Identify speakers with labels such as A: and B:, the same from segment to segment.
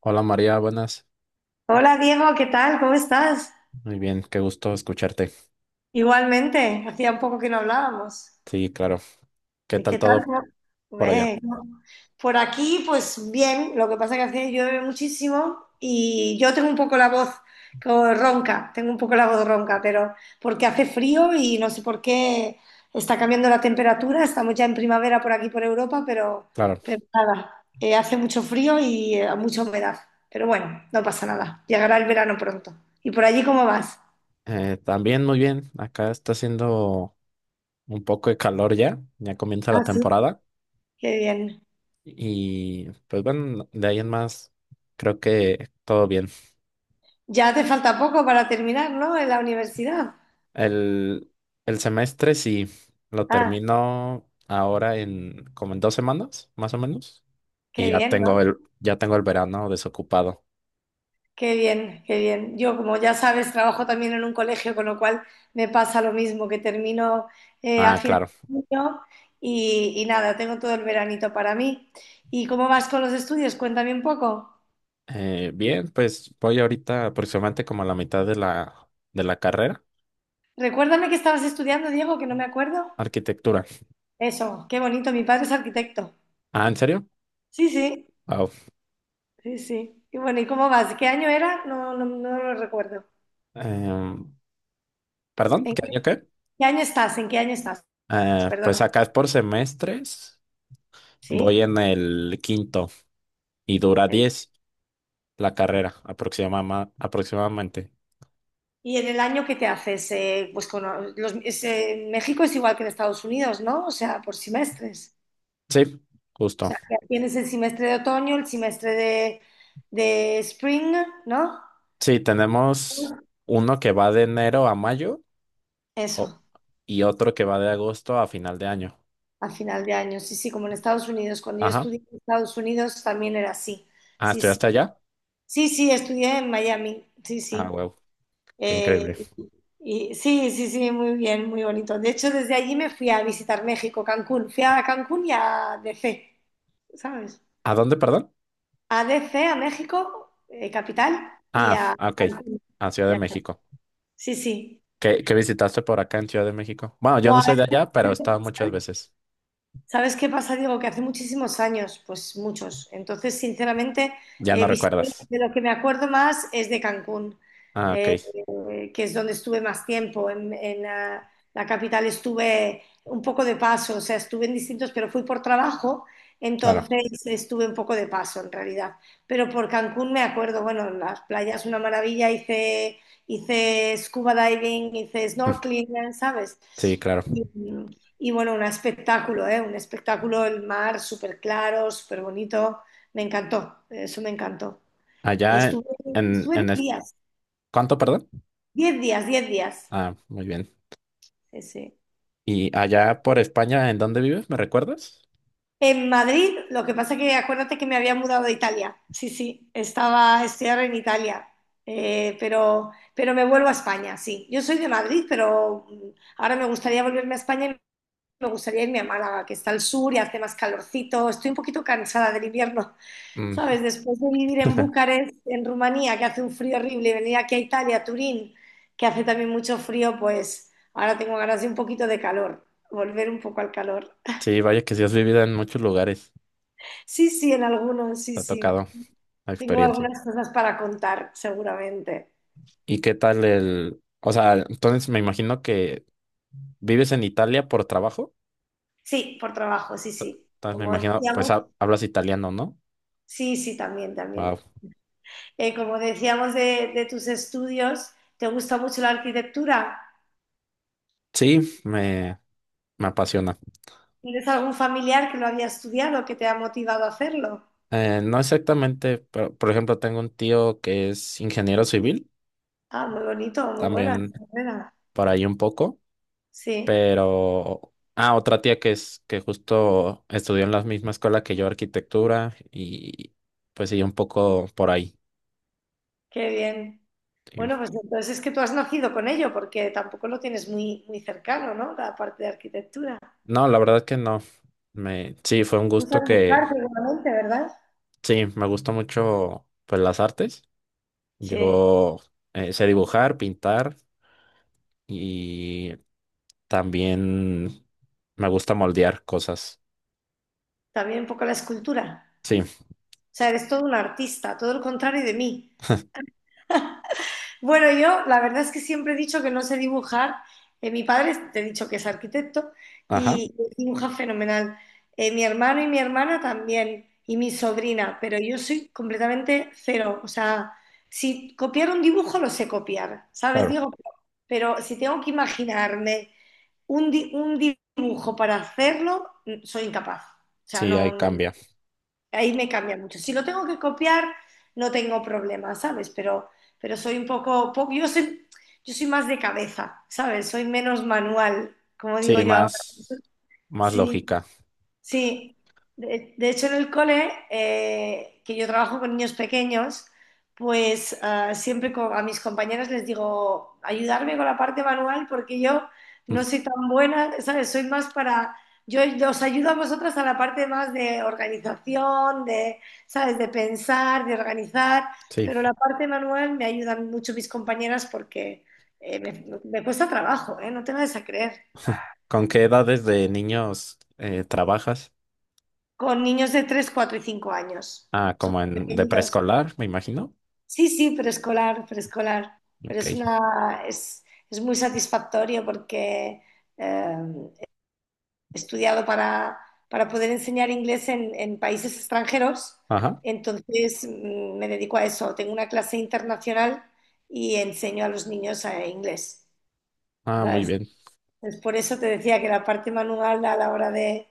A: Hola María, buenas.
B: Hola Diego, ¿qué tal? ¿Cómo estás?
A: Muy bien, qué gusto escucharte.
B: Igualmente, hacía un poco que no hablábamos.
A: Sí, claro. ¿Qué
B: ¿Y
A: tal
B: qué tal?
A: todo por allá?
B: Eh, Por aquí, pues bien, lo que pasa que hace llueve muchísimo y yo tengo un poco la voz ronca, tengo un poco la voz ronca, pero porque hace frío y no sé por qué está cambiando la temperatura, estamos ya en primavera por aquí por Europa,
A: Claro.
B: pero nada, hace mucho frío y mucha humedad, pero bueno, no pasa nada, llegará el verano pronto. ¿Y por allí cómo vas?
A: También muy bien. Acá está haciendo un poco de calor ya. Ya comienza la
B: Así.
A: temporada.
B: Qué bien.
A: Y pues bueno, de ahí en más, creo que todo bien.
B: Ya te falta poco para terminar, ¿no? En la universidad.
A: El, el semestre sí, lo
B: Ah,
A: termino ahora en como en 2 semanas, más o menos. Y
B: qué
A: ya
B: bien, ¿no?
A: tengo el verano desocupado.
B: Qué bien, qué bien. Yo, como ya sabes, trabajo también en un colegio, con lo cual me pasa lo mismo, que termino a
A: Ah,
B: final
A: claro.
B: de año y nada, tengo todo el veranito para mí. ¿Y cómo vas con los estudios? Cuéntame un poco.
A: Bien, pues voy ahorita aproximadamente como a la mitad de la carrera.
B: Recuérdame que estabas estudiando, Diego, que no me acuerdo.
A: Arquitectura.
B: Eso, qué bonito, mi padre es arquitecto.
A: Ah, ¿en serio?
B: Sí, sí,
A: Wow.
B: sí, sí. Y bueno, ¿y cómo vas? ¿Qué año era? No, no, no lo recuerdo.
A: Em, Perdón, ¿qué año qué?
B: ¿Qué año estás? ¿En qué año estás?
A: Pues
B: Perdona.
A: acá es por semestres. Voy
B: ¿Sí?
A: en el quinto y dura
B: Eh,
A: 10 la carrera aproximadamente.
B: ¿y en el año que te haces? Pues con los, es, México es igual que en Estados Unidos, ¿no? O sea, por semestres.
A: Sí,
B: O
A: justo.
B: sea, que tienes el semestre de otoño, el semestre de spring, ¿no?
A: Sí,
B: Pues
A: tenemos uno que va de enero a mayo o-
B: eso,
A: y otro que va de agosto a final de año.
B: a final de año. Sí, sí, como en Estados Unidos. Cuando yo
A: Ajá.
B: estudié en Estados Unidos también era así.
A: Ah,
B: Sí, sí.
A: ¿estudiaste allá?
B: Sí, sí, estudié en Miami. Sí,
A: Ah,
B: sí.
A: wow, qué increíble.
B: Eh, y, sí, sí, sí, muy bien, muy bonito. De hecho, desde allí me fui a visitar México, Cancún. Fui a Cancún y a D C, ¿sabes?
A: ¿A dónde, perdón?
B: A D C a México, capital, y
A: Ah,
B: a
A: ah, ok,
B: Cancún.
A: a Ciudad
B: Y
A: de
B: a
A: México.
B: sí, sí.
A: ¿Qué visitaste por acá en Ciudad de México? Bueno, yo no soy de allá, pero he estado muchas veces.
B: ¿Sabes qué pasa, Diego? Que hace muchísimos años, pues muchos. Entonces, sinceramente,
A: Ya no recuerdas.
B: de lo que me acuerdo más es de Cancún,
A: Ah, ok,
B: eh, que es donde estuve más tiempo. En, la capital estuve un poco de paso, o sea, estuve en distintos, pero fui por trabajo,
A: claro.
B: entonces estuve un poco de paso en realidad. Pero por Cancún me acuerdo, bueno, las playas una maravilla, hice scuba diving, hice snorkeling, ¿sabes?
A: Sí, claro.
B: Y, y bueno, un espectáculo, ¿eh? Un espectáculo, el mar súper claro, súper bonito. Me encantó, eso me encantó.
A: Allá en,
B: Estuve,
A: en,
B: estuve
A: en
B: diez
A: es-
B: días,
A: ¿cuánto, perdón?
B: diez días, diez días.
A: Ah, muy bien.
B: Sí, sí.
A: ¿Y allá por España, en dónde vives? ¿Me recuerdas?
B: En Madrid, lo que pasa que acuérdate que me había mudado de Italia. Sí, sí, estaba, estoy ahora en Italia. Pero me vuelvo a España, sí. Yo soy de Madrid, pero mm, ahora me gustaría volverme a España y me gustaría irme a Málaga, que está al sur y hace más calorcito. Estoy un poquito cansada del invierno.
A: Mm.
B: ¿Sabes? Después de vivir en Bucarest, en Rumanía, que hace un frío horrible, y venir aquí a Italia, a Turín, que hace también mucho frío, pues ahora tengo ganas de un poquito de calor, volver un poco al calor.
A: Sí, vaya que sí has vivido en muchos lugares,
B: Sí, sí, en algunos, sí,
A: te ha
B: sí.
A: tocado la
B: Tengo
A: experiencia.
B: algunas cosas para contar, seguramente.
A: ¿Y qué tal el? O sea, entonces me imagino que vives en Italia por trabajo,
B: Sí, por trabajo, sí, sí.
A: entonces me
B: Como
A: imagino, pues
B: decíamos,
A: hablas italiano, ¿no?
B: sí, sí, también, también.
A: Wow.
B: Como decíamos de tus estudios, ¿te gusta mucho la arquitectura?
A: Sí, me apasiona.
B: ¿Tienes algún familiar que lo había estudiado, que te ha motivado a hacerlo?
A: No exactamente, pero por ejemplo tengo un tío que es ingeniero civil,
B: Ah, muy bonito, muy buena,
A: también
B: enhorabuena.
A: por ahí un poco,
B: Sí,
A: pero. Ah, otra tía que es que justo estudió en la misma escuela que yo, arquitectura, y pues sí, un poco por ahí.
B: qué bien. Bueno,
A: Sí.
B: pues entonces es que tú has nacido con ello, porque tampoco lo tienes muy, muy cercano, ¿no? La parte de arquitectura.
A: No, la verdad que no. Sí, fue un
B: Usas
A: gusto que,
B: dibujar seguramente, ¿verdad?
A: sí, me gustó mucho pues las artes.
B: Sí,
A: Yo sé dibujar, pintar y también me gusta moldear cosas.
B: también un poco la escultura.
A: Sí,
B: O sea, eres todo un artista, todo lo contrario de mí. Bueno, yo la verdad es que siempre he dicho que no sé dibujar. Mi padre, te he dicho que es arquitecto
A: ajá,
B: y dibuja fenomenal. Mi hermano y mi hermana también, y mi sobrina, pero yo soy completamente cero. O sea, si copiar un dibujo lo sé copiar, ¿sabes?
A: claro.
B: Digo, pero si tengo que imaginarme un dibujo para hacerlo, mm, soy incapaz. O sea,
A: Sí,
B: no,
A: ahí
B: no,
A: cambia.
B: ahí me cambia mucho. Si lo tengo que copiar, no tengo problema, ¿sabes? Pero soy un poco, yo soy más de cabeza, ¿sabes? Soy menos manual, como digo
A: Sí,
B: yo ahora.
A: más, más
B: Sí.
A: lógica.
B: Sí, de hecho en el cole, que yo trabajo con niños pequeños, pues a mis compañeras les digo, ayudarme con la parte manual porque yo no
A: Mm,
B: soy tan buena, ¿sabes? Soy más para, yo os ayudo a vosotras a la parte más de organización, de, ¿sabes? De pensar, de organizar,
A: sí.
B: pero la parte manual me ayudan mucho mis compañeras porque me cuesta trabajo, ¿eh? No te vayas a creer.
A: ¿Con qué edades de niños trabajas?
B: Con niños de 3, 4 y 5 años.
A: Ah,
B: Son
A: como
B: muy
A: en de
B: pequeñitos.
A: preescolar, me imagino.
B: Sí, sí, preescolar, preescolar. Pero
A: Ok.
B: es muy satisfactorio porque eh, he estudiado para poder enseñar inglés en países extranjeros.
A: Ajá.
B: Entonces mm, me dedico a eso. Tengo una clase internacional y enseño a los niños inglés.
A: Ah, muy
B: ¿Sabes?
A: bien.
B: Es por eso te decía que la parte manual a la hora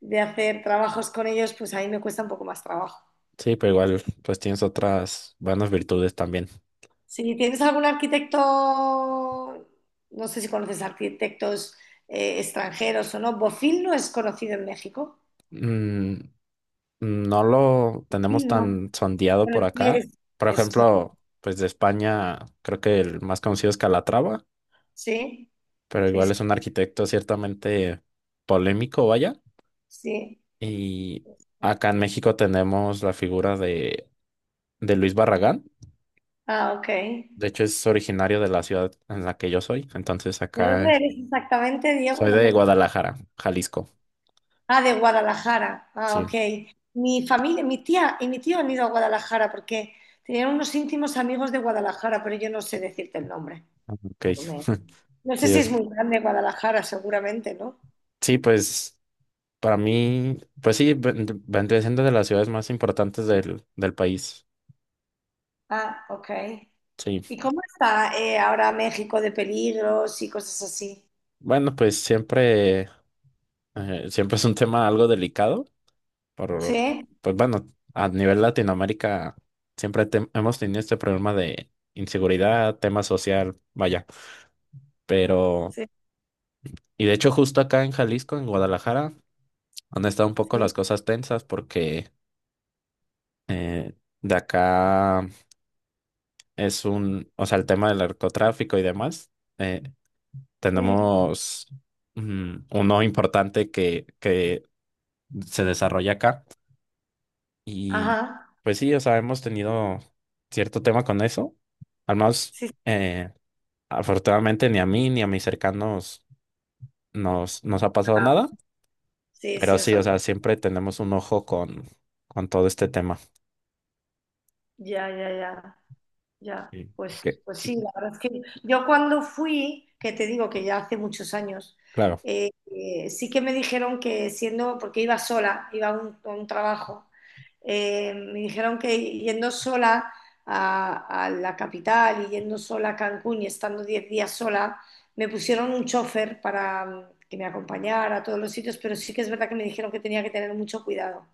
B: de hacer trabajos con ellos, pues a mí me cuesta un poco más trabajo.
A: Sí, pero igual, pues tienes otras buenas virtudes también.
B: Si tienes algún arquitecto, no sé si conoces arquitectos extranjeros o no. Bofill no es conocido en México.
A: Mm, no lo tenemos
B: Bofill no.
A: tan sondeado por
B: Bueno, sí
A: acá.
B: es,
A: Por
B: es- un-
A: ejemplo, pues de España, creo que el más conocido es Calatrava,
B: sí,
A: pero
B: sí,
A: igual
B: sí,
A: es un arquitecto ciertamente polémico, vaya.
B: sí.
A: Y acá en México tenemos la figura de Luis Barragán.
B: Ah, ok. ¿De
A: De hecho, es originario de la ciudad en la que yo soy. Entonces, acá
B: dónde eres exactamente, Diego?
A: soy
B: No
A: de
B: me lo-
A: Guadalajara, Jalisco.
B: Ah, de Guadalajara. Ah,
A: Sí,
B: ok. Mi familia, mi tía y mi tío han ido a Guadalajara porque tenían unos íntimos amigos de Guadalajara, pero yo no sé decirte el nombre.
A: ok.
B: No, me- no
A: Sí,
B: sé si es
A: es-
B: muy grande Guadalajara, seguramente, ¿no?
A: Sí, pues. Para mí, pues sí, vendría siendo de las ciudades más importantes del país.
B: Ah, ok.
A: Sí.
B: ¿Y cómo está ahora México de peligros y cosas así?
A: Bueno, pues siempre, siempre es un tema algo delicado. Por,
B: Sí,
A: pues bueno, a nivel Latinoamérica siempre hemos tenido este problema de inseguridad, tema social, vaya. Pero,
B: sí,
A: y de hecho justo acá en Jalisco, en Guadalajara, han estado un poco las
B: sí,
A: cosas tensas porque eh, de acá es un, o sea, el tema del narcotráfico y demás. eh,
B: sí.
A: Tenemos uno importante que se desarrolla acá. Y
B: Ajá.
A: pues sí, o sea, hemos tenido cierto tema con eso. Al menos,
B: Sí,
A: eh, afortunadamente, ni a mí ni a mis cercanos nos ha pasado
B: está-
A: nada.
B: sí,
A: Pero
B: sí, o
A: sí, o
B: sea,
A: sea, siempre tenemos un ojo con todo este tema.
B: ya, ya, ya. Ya,
A: Y, y
B: pues,
A: que,
B: pues
A: y
B: sí, la verdad es que yo cuando fui, que te digo que ya hace muchos años,
A: claro.
B: sí que me dijeron que siendo, porque iba sola, iba a un trabajo, me dijeron que yendo sola a la capital y yendo sola a Cancún y estando 10 días sola, me pusieron un chofer para mm, que me acompañara a todos los sitios, pero sí que es verdad que me dijeron que tenía que tener mucho cuidado,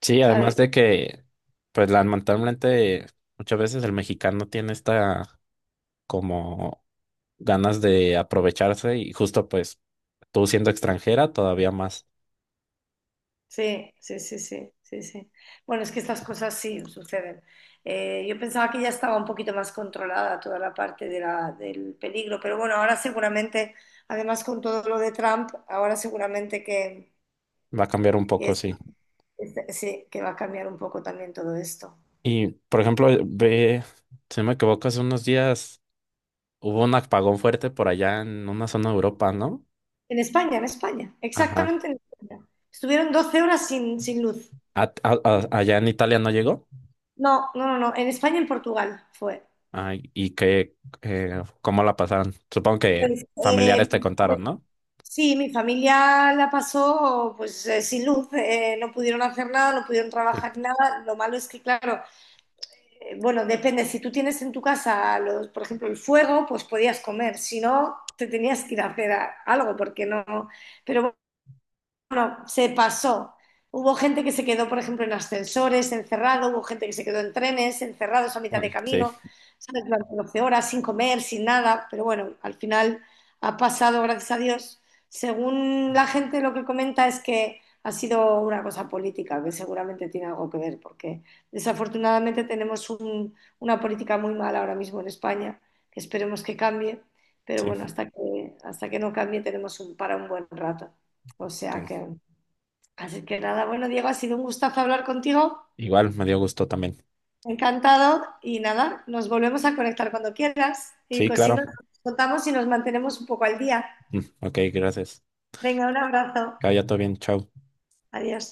A: Sí,
B: ¿sabes?
A: además de que, pues lamentablemente, muchas veces el mexicano tiene esta como ganas de aprovecharse y justo pues tú siendo extranjera todavía más
B: Sí, sí, sí, sí, sí, sí. Bueno, es que estas cosas sí suceden. Yo pensaba que ya estaba un poquito más controlada toda la parte de del peligro, pero bueno, ahora seguramente, además con todo lo de Trump, ahora seguramente que,
A: va a cambiar un
B: que
A: poco,
B: es-
A: sí.
B: sí, que va a cambiar un poco también todo esto.
A: Y por ejemplo, ve, si no me equivoco, hace unos días hubo un apagón fuerte por allá en una zona de Europa, ¿no?
B: En España,
A: Ajá.
B: exactamente en España. Estuvieron 12 horas sin, sin luz.
A: Allá en Italia no llegó.
B: No, no, no, no, en España y en Portugal fue.
A: Ay, y que, ¿cómo la pasaron? Supongo que
B: Pues,
A: familiares te contaron, ¿no?
B: sí, mi familia la pasó pues sin luz, no pudieron hacer nada, no pudieron trabajar nada. Lo malo es que, claro, bueno, depende, si tú tienes en tu casa, los, por ejemplo, el fuego, pues podías comer, si no, te tenías que ir a hacer algo, porque no. Pero no, se pasó. Hubo gente que se quedó, por ejemplo, en ascensores, encerrado, hubo gente que se quedó en trenes, encerrados a mitad de
A: Mm, sí,
B: camino, ¿sabes? Durante 12 horas, sin comer, sin nada, pero bueno, al final ha pasado, gracias a Dios. Según la gente lo que comenta es que ha sido una cosa política, que seguramente tiene algo que ver, porque desafortunadamente tenemos una política muy mala ahora mismo en España, que esperemos que cambie, pero bueno,
A: sí,
B: hasta que no cambie tenemos un, para un buen rato. O sea
A: ok.
B: que, así que nada, bueno, Diego, ha sido un gustazo hablar contigo,
A: Igual me dio gusto también.
B: encantado. Y nada, nos volvemos a conectar cuando quieras. Y
A: Sí,
B: pues si
A: claro.
B: nos contamos y nos mantenemos un poco al día.
A: Mm, ok, gracias.
B: Venga, un abrazo.
A: Que vaya todo bien, chao.
B: Adiós.